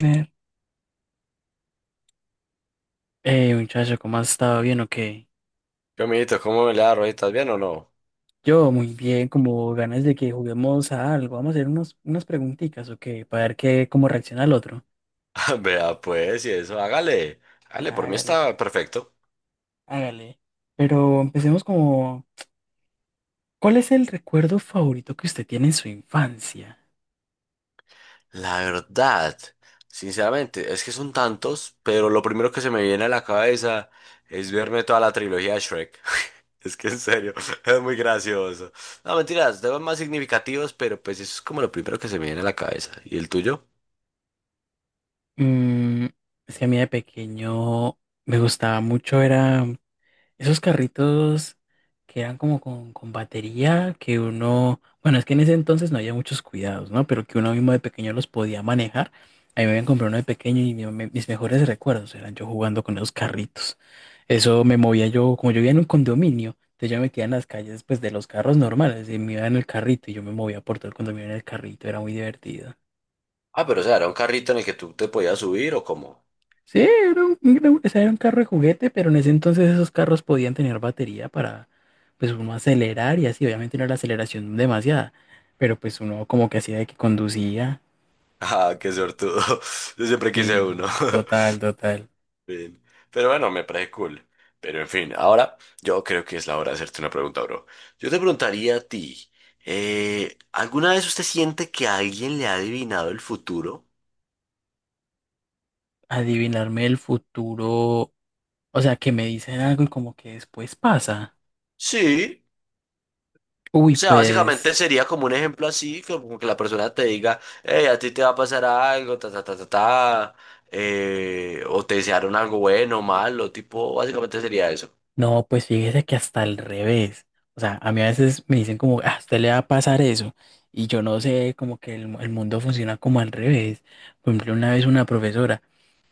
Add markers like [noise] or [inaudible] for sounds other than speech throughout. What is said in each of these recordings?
Ver. Hey, muchacho, ¿cómo has estado? ¿Bien o qué? ¿Qué, amiguito? ¿Cómo le da, Roy? ¿Estás bien o no? Yo muy bien, como ganas de que juguemos a algo. Vamos a hacer unas preguntitas, ¿o qué? Para ver cómo reacciona el otro. [laughs] Vea, pues, y eso, hágale. Hágale, por mí Hágale, está perfecto. hágale. Pero ¿cuál es el recuerdo favorito que usted tiene en su infancia? La verdad, sinceramente, es que son tantos, pero lo primero que se me viene a la cabeza es verme toda la trilogía de Shrek. [laughs] Es que en serio, [laughs] es muy gracioso. No, mentiras, temas más significativos, pero pues eso es como lo primero que se me viene a la cabeza. ¿Y el tuyo? Mm, es que a mí de pequeño me gustaba mucho, era esos carritos que eran como con batería, que uno, bueno, es que en ese entonces no había muchos cuidados, ¿no? Pero que uno mismo de pequeño los podía manejar. A mí me habían comprado uno de pequeño y mis mejores recuerdos eran yo jugando con esos carritos. Eso me movía yo, como yo vivía en un condominio, entonces yo me metía en las calles pues de los carros normales y me iba en el carrito y yo me movía por todo el condominio en el carrito, era muy divertido. Ah, pero o sea, era un carrito en el que tú te podías subir o cómo. [laughs] Sí, o sea, era un carro de juguete, pero en ese entonces esos carros podían tener batería para, pues, uno acelerar y así. Obviamente no era la aceleración demasiada, pero pues uno como que hacía de que conducía. Ah, qué sortudo. [laughs] Yo siempre quise uno. [laughs] Sí, total, total. Sí. Pero bueno, me parece cool. Pero en fin, ahora yo creo que es la hora de hacerte una pregunta, bro. Yo te preguntaría a ti, ¿alguna vez usted siente que alguien le ha adivinado el futuro? Adivinarme el futuro, o sea, que me dicen algo y como que después pasa. Sí. O Uy, sea, básicamente pues. sería como un ejemplo así, como que la persona te diga, hey, a ti te va a pasar algo, ta, ta, ta, ta, ta, o te desearon algo bueno, malo, tipo, básicamente sería eso. No, pues fíjese que hasta al revés. O sea, a mí a veces me dicen como, ah, a usted le va a pasar eso. Y yo no sé, como que el mundo funciona como al revés. Por ejemplo, una vez una profesora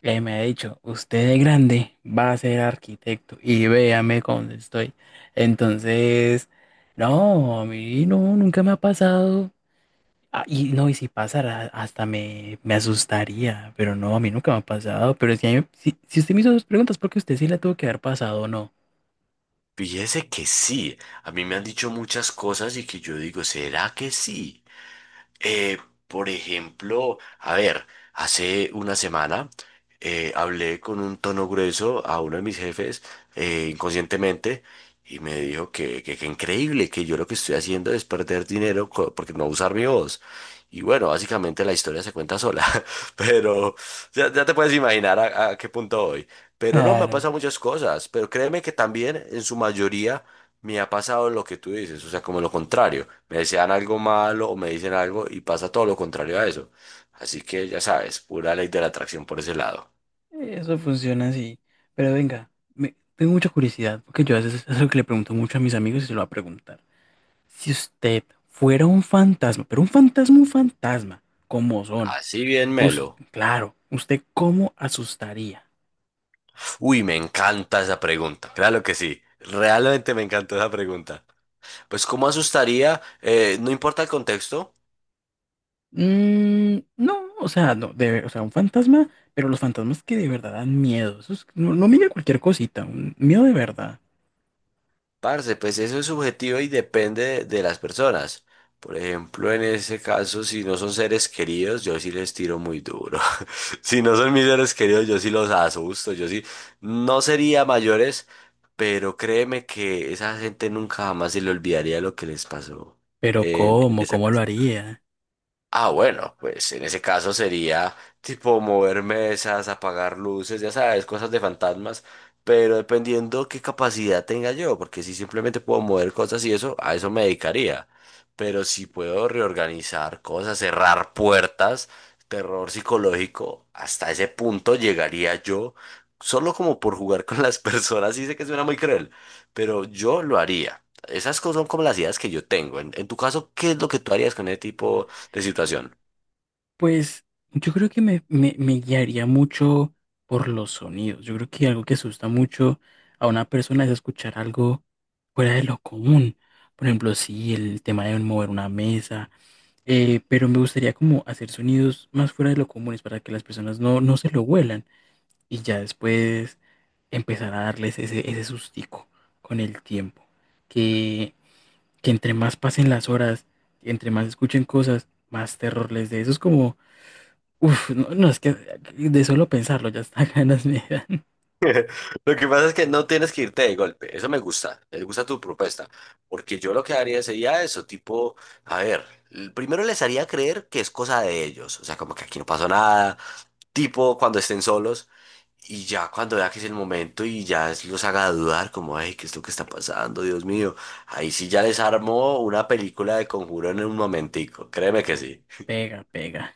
me ha dicho, usted de grande va a ser arquitecto y véame cómo estoy. Entonces, no, a mí no, nunca me ha pasado. Ah, y no, y si pasara, me asustaría. Pero no, a mí nunca me ha pasado. Pero si, si, si usted me hizo dos preguntas, porque usted sí la tuvo que haber pasado o no. Fíjese que sí, a mí me han dicho muchas cosas y que yo digo, ¿será que sí? Eh, por ejemplo, a ver, hace una semana hablé con un tono grueso a uno de mis jefes, inconscientemente, y me dijo que, que increíble, que yo lo que estoy haciendo es perder dinero co- porque no usar mi voz. Y bueno, básicamente la historia se cuenta sola, [laughs] pero ya te puedes imaginar a qué punto voy. Pero no, me han Claro, pasado muchas cosas, pero créeme que también en su mayoría me ha pasado lo que tú dices, o sea, como lo contrario. Me desean algo malo o me dicen algo y pasa todo lo contrario a eso. Así que ya sabes, pura ley de la atracción por ese lado. eso funciona así. Pero venga, tengo mucha curiosidad, porque yo a veces es algo que le pregunto mucho a mis amigos y se lo voy a preguntar. Si usted fuera un fantasma, pero un fantasma, como son? Así bien, melo. Claro, ¿usted cómo asustaría? Uy, me encanta esa pregunta. Claro que sí. Realmente me encantó esa pregunta. Pues, ¿cómo asustaría? No importa el contexto. No, o sea, no, o sea, un fantasma, pero los fantasmas que de verdad dan miedo. No, no mira cualquier cosita, un miedo de verdad. Parce, pues eso es subjetivo y depende de las personas. Por ejemplo, en ese caso, si no son seres queridos, yo sí les tiro muy duro. [laughs] Si no son mis seres queridos, yo sí los asusto. Yo sí, no sería mayores, pero créeme que esa gente nunca jamás se le olvidaría lo que les pasó Pero en ¿cómo? esa ¿Cómo lo casa. haría? Ah, bueno, pues en ese caso sería tipo mover mesas, apagar luces, ya sabes, cosas de fantasmas, pero dependiendo qué capacidad tenga yo, porque si simplemente puedo mover cosas y eso, a eso me dedicaría. Pero si puedo reorganizar cosas, cerrar puertas, terror psicológico, hasta ese punto llegaría yo, solo como por jugar con las [laughs] personas, y sé que suena muy cruel, pero yo lo haría. Esas cosas son como las ideas que yo tengo. En tu caso, ¿qué es lo que tú harías con ese tipo de situación? Pues yo creo que me guiaría mucho por los sonidos. Yo creo que algo que asusta mucho a una persona es escuchar algo fuera de lo común. Por ejemplo, sí, el tema de mover una mesa, pero me gustaría como hacer sonidos más fuera de lo comunes para que las personas no se lo huelan y ya después empezar a darles ese sustico con el tiempo. Que, que entre más pasen las horas, entre más escuchen cosas, más terror les dé. Eso es como uf, no, no, es que de solo pensarlo ya está [laughs] ganas me dan. [laughs] Lo que pasa es que no tienes que irte de golpe. Eso me gusta. Me gusta tu propuesta. Porque yo lo que haría sería eso, tipo, a ver, l- primero les haría creer que es cosa de ellos. O sea, como que aquí no pasó nada. Tipo, cuando estén solos. Y ya cuando vea que es el momento y ya es- los haga dudar, como, ay, ¿qué es lo que está pasando? Dios mío. Ahí sí ya les armo una película de conjuro en un momentico. Créeme que Oh. sí. Pega, pega.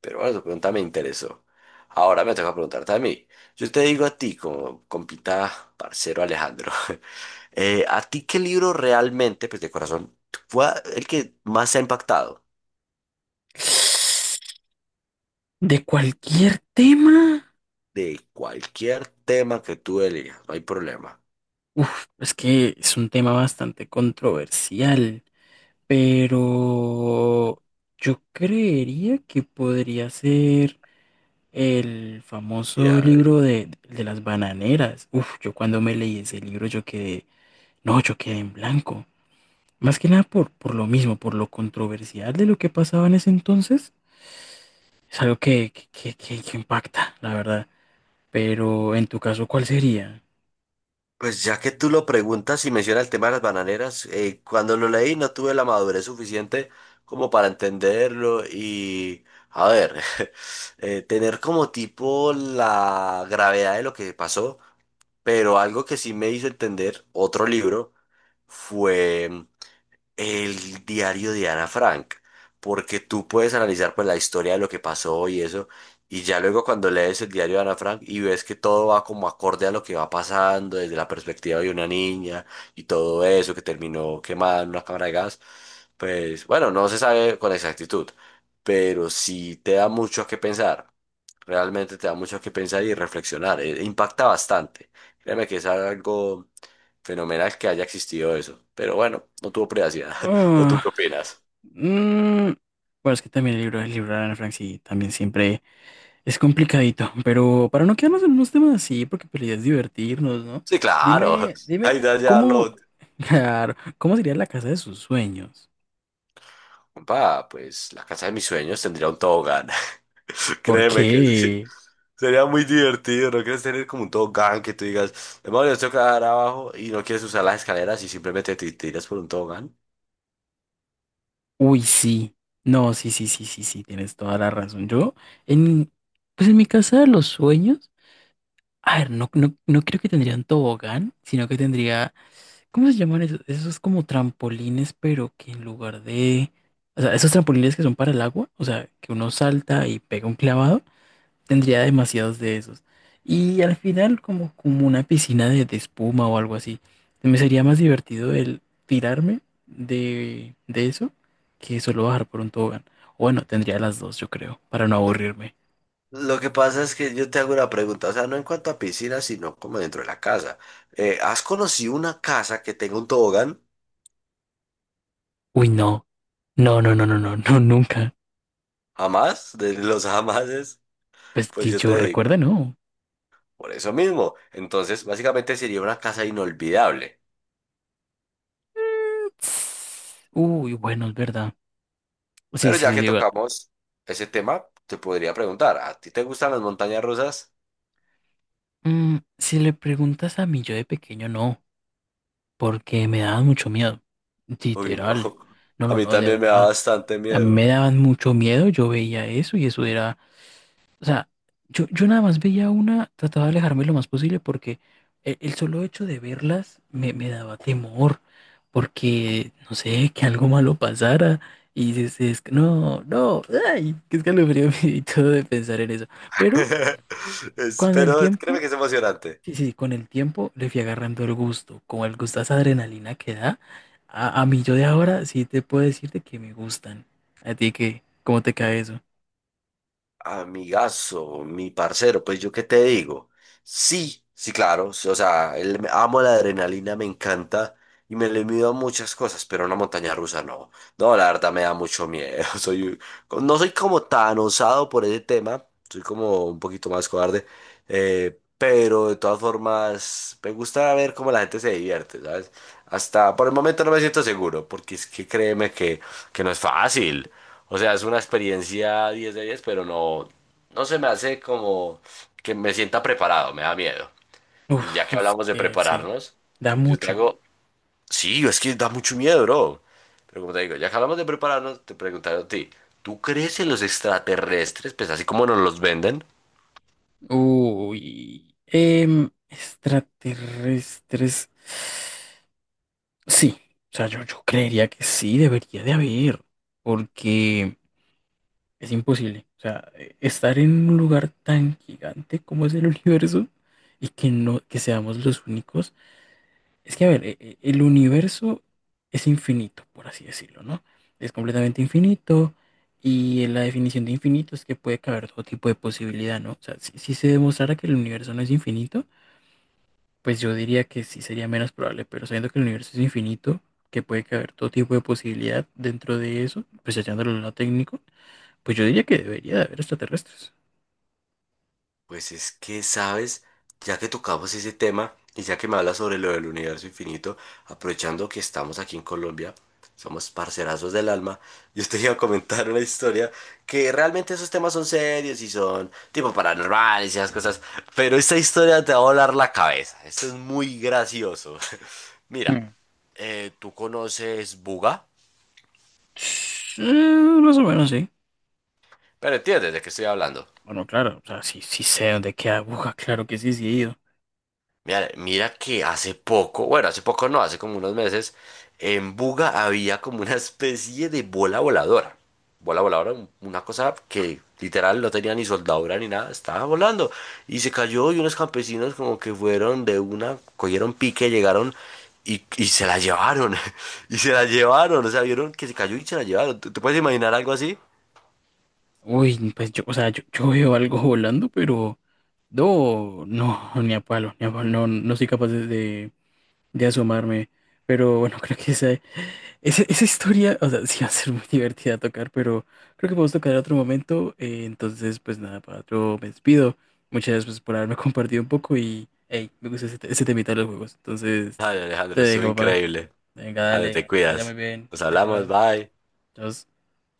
Pero bueno, tu pregunta me interesó. Ahora me toca preguntarte a mí. Yo te digo a ti, como compita parcero Alejandro, [laughs] ¿a ti qué libro realmente, pues de corazón, fue el que más te ha impactado? De cualquier tema. De cualquier tema que tú elijas, no hay problema. Uf, es que es un tema bastante controversial, pero yo creería que podría ser el famoso Ya. libro de las bananeras. Uf, yo cuando me leí ese libro yo quedé, no, yo quedé en blanco. Más que nada por lo mismo, por lo controversial de lo que pasaba en ese entonces. Es algo que impacta, la verdad. Pero en tu caso, ¿cuál sería? Pues ya que tú lo preguntas y menciona el tema de las bananeras, cuando lo leí no tuve la madurez suficiente como para entenderlo y, a ver, [laughs] tener como tipo la gravedad de lo que pasó, pero algo que sí me hizo entender otro libro fue el diario de Ana Frank, porque tú puedes analizar pues la historia de lo que pasó y eso, y ya luego cuando lees el diario de Ana Frank y ves que todo va como acorde a lo que va pasando desde la perspectiva de una niña y todo eso que terminó quemada en una cámara de gas, pues bueno, no se sabe con exactitud, pero sí te da mucho a qué pensar. Realmente te da mucho que pensar y reflexionar. Impacta bastante. Créeme que es algo fenomenal que haya existido eso. Pero bueno, no tuvo privacidad. [laughs] ¿O tú Ah, qué opinas? mm, bueno, es que también el libro de Ana Frank sí, también siempre es complicadito. Pero para no quedarnos en unos temas así, porque pues, la idea es divertirnos, ¿no? Sí, claro. Dime, [laughs] dime, Ahí ya ¿cómo, lo... [laughs] claro, cómo sería la casa de sus sueños? Compa, pues la casa de mis sueños tendría un tobogán. [laughs] Créeme que sí. Porque, Sería muy divertido, ¿no quieres tener como un tobogán que tú digas, demonios, tengo que dar abajo y no quieres usar las escaleras y simplemente te tiras por un tobogán? uy, sí. No, sí, sí, sí, sí, sí, tienes toda la razón. Yo, en, pues en mi casa de los sueños. A ver, no creo que tendría un tobogán, sino que tendría, ¿cómo se llaman esos? Esos como trampolines, pero que en lugar de, o sea, esos trampolines que son para el agua, o sea, que uno salta y pega un clavado, tendría demasiados de esos. Y al final como, como una piscina de espuma o algo así. Me sería más divertido el tirarme de eso que solo bajar por un tobogán. O bueno, tendría las dos, yo creo, para no aburrirme. Lo que pasa es que yo te hago una pregunta, o sea, no en cuanto a piscinas, sino como dentro de la casa. ¿Has conocido una casa que tenga un tobogán? Uy, no, no, no, no, no, no, [laughs] no, nunca. ¿Jamás? De los [laughs] jamases, Pues pues que yo yo te digo, recuerde, no. por eso mismo. Entonces, básicamente sería una casa inolvidable. Uy, bueno, es verdad. Sí, Pero sí, ya que sí. Tocamos ese tema, te podría preguntar, ¿a ti te gustan las montañas rusas? Mm, si le preguntas a mí yo de pequeño, no, porque me daban mucho miedo. Uy, no. Literal. No, [laughs] A no, mí no, de también me da verdad. bastante A mí me miedo. daban mucho miedo, yo veía eso y eso era... O sea, yo nada más veía una, trataba de alejarme lo más posible porque solo hecho de verlas me daba temor, porque, no sé, que algo malo pasara. Y dices, es que no, no, ay, qué escalofrío [laughs] y todo de pensar en eso. Pero [laughs] Es- con el Pero créeme tiempo, que es emocionante. sí, sí, con el tiempo le fui agarrando el gusto, como el gusto a esa adrenalina que da. A mí yo de ahora sí te puedo decirte que me gustan. ¿A ti qué? ¿Cómo te cae eso? Amigazo, mi parcero, pues yo qué te digo. Sí, sí, claro. Sí, o sea, el, amo la adrenalina, me encanta y me le mido a muchas cosas, pero una montaña rusa no. No, la verdad me da mucho miedo. [laughs] Soy, no soy como tan osado por ese tema, soy como un poquito más cobarde, pero de todas formas me gusta ver cómo la gente se divierte, ¿sabes? Hasta por el momento no me siento seguro, porque es que créeme que no es fácil. O sea, es una experiencia 10 de 10, pero no, no se me hace como que me sienta preparado, me da miedo. Y ya Uf, que es hablamos de que sí, prepararnos, da yo te mucho. hago... Sí, es que da mucho miedo, bro. Pero como te digo, ya que hablamos de prepararnos, te preguntaron a ti, ¿tú crees en los extraterrestres? Pues así como nos los venden. Uy, em, extraterrestres. Sí, o sea, yo creería que sí, debería de haber, porque es imposible. O sea, estar en un lugar tan gigante como es el [laughs] universo y que no, que seamos los únicos. Es que, a ver, el universo es infinito, por así decirlo, ¿no? Es completamente infinito. Y la definición de infinito es que puede caber todo tipo de posibilidad, ¿no? O sea, si se demostrara que el universo no es infinito, pues yo diría que sí sería menos probable, pero sabiendo que el universo es infinito, que puede caber todo tipo de posibilidad dentro de eso, pues echándolo al lado técnico, pues yo diría que debería de haber extraterrestres. Pues es que, sabes, ya que tocamos ese tema y ya que me hablas sobre lo del universo infinito, aprovechando que estamos aquí en Colombia, somos parcerazos del alma, [laughs] yo te iba a comentar una historia que realmente esos temas son serios y son tipo paranormales y esas cosas, pero esta historia te va a volar la cabeza. Esto es muy gracioso. [laughs] Mira, Mm. Tú conoces Buga, Sí, más o menos, sí. pero entiendes de qué estoy hablando. Bueno, claro, o sea, sí, sí sé dónde queda aguja, [laughs] claro que sí, sí he ido. Mira, mira que hace poco, bueno, hace poco no, hace como unos meses, en Buga había como una especie de bola voladora. Bola voladora, un- una cosa que literal no tenía ni soldadura ni nada, estaba volando. Y se cayó y unos campesinos como que fueron de una, cogieron pique, llegaron y se la llevaron. [laughs] Y se la llevaron, o sea, vieron que se cayó y se la llevaron. ¿Tú, tú puedes imaginar algo así? Uy, pues yo, o sea, yo veo algo volando, pero no, no, ni a palo, ni a palo, no, no soy capaz de de asomarme. Pero bueno, [laughs] creo que esa historia, o sea, [laughs] sí va a ser muy divertida tocar, pero creo que podemos tocar en otro momento. Entonces, pues nada, para yo me despido. Muchas gracias pues, por haberme [laughs] compartido un poco y, hey, me gusta ese temita de los juegos. Entonces, Ay, te Alejandro, estuvo dejo, papá. increíble. Venga, A ver, dale, te que te vaya muy cuidas. bien. Nos Chao, chao. hablamos, bye. Chao.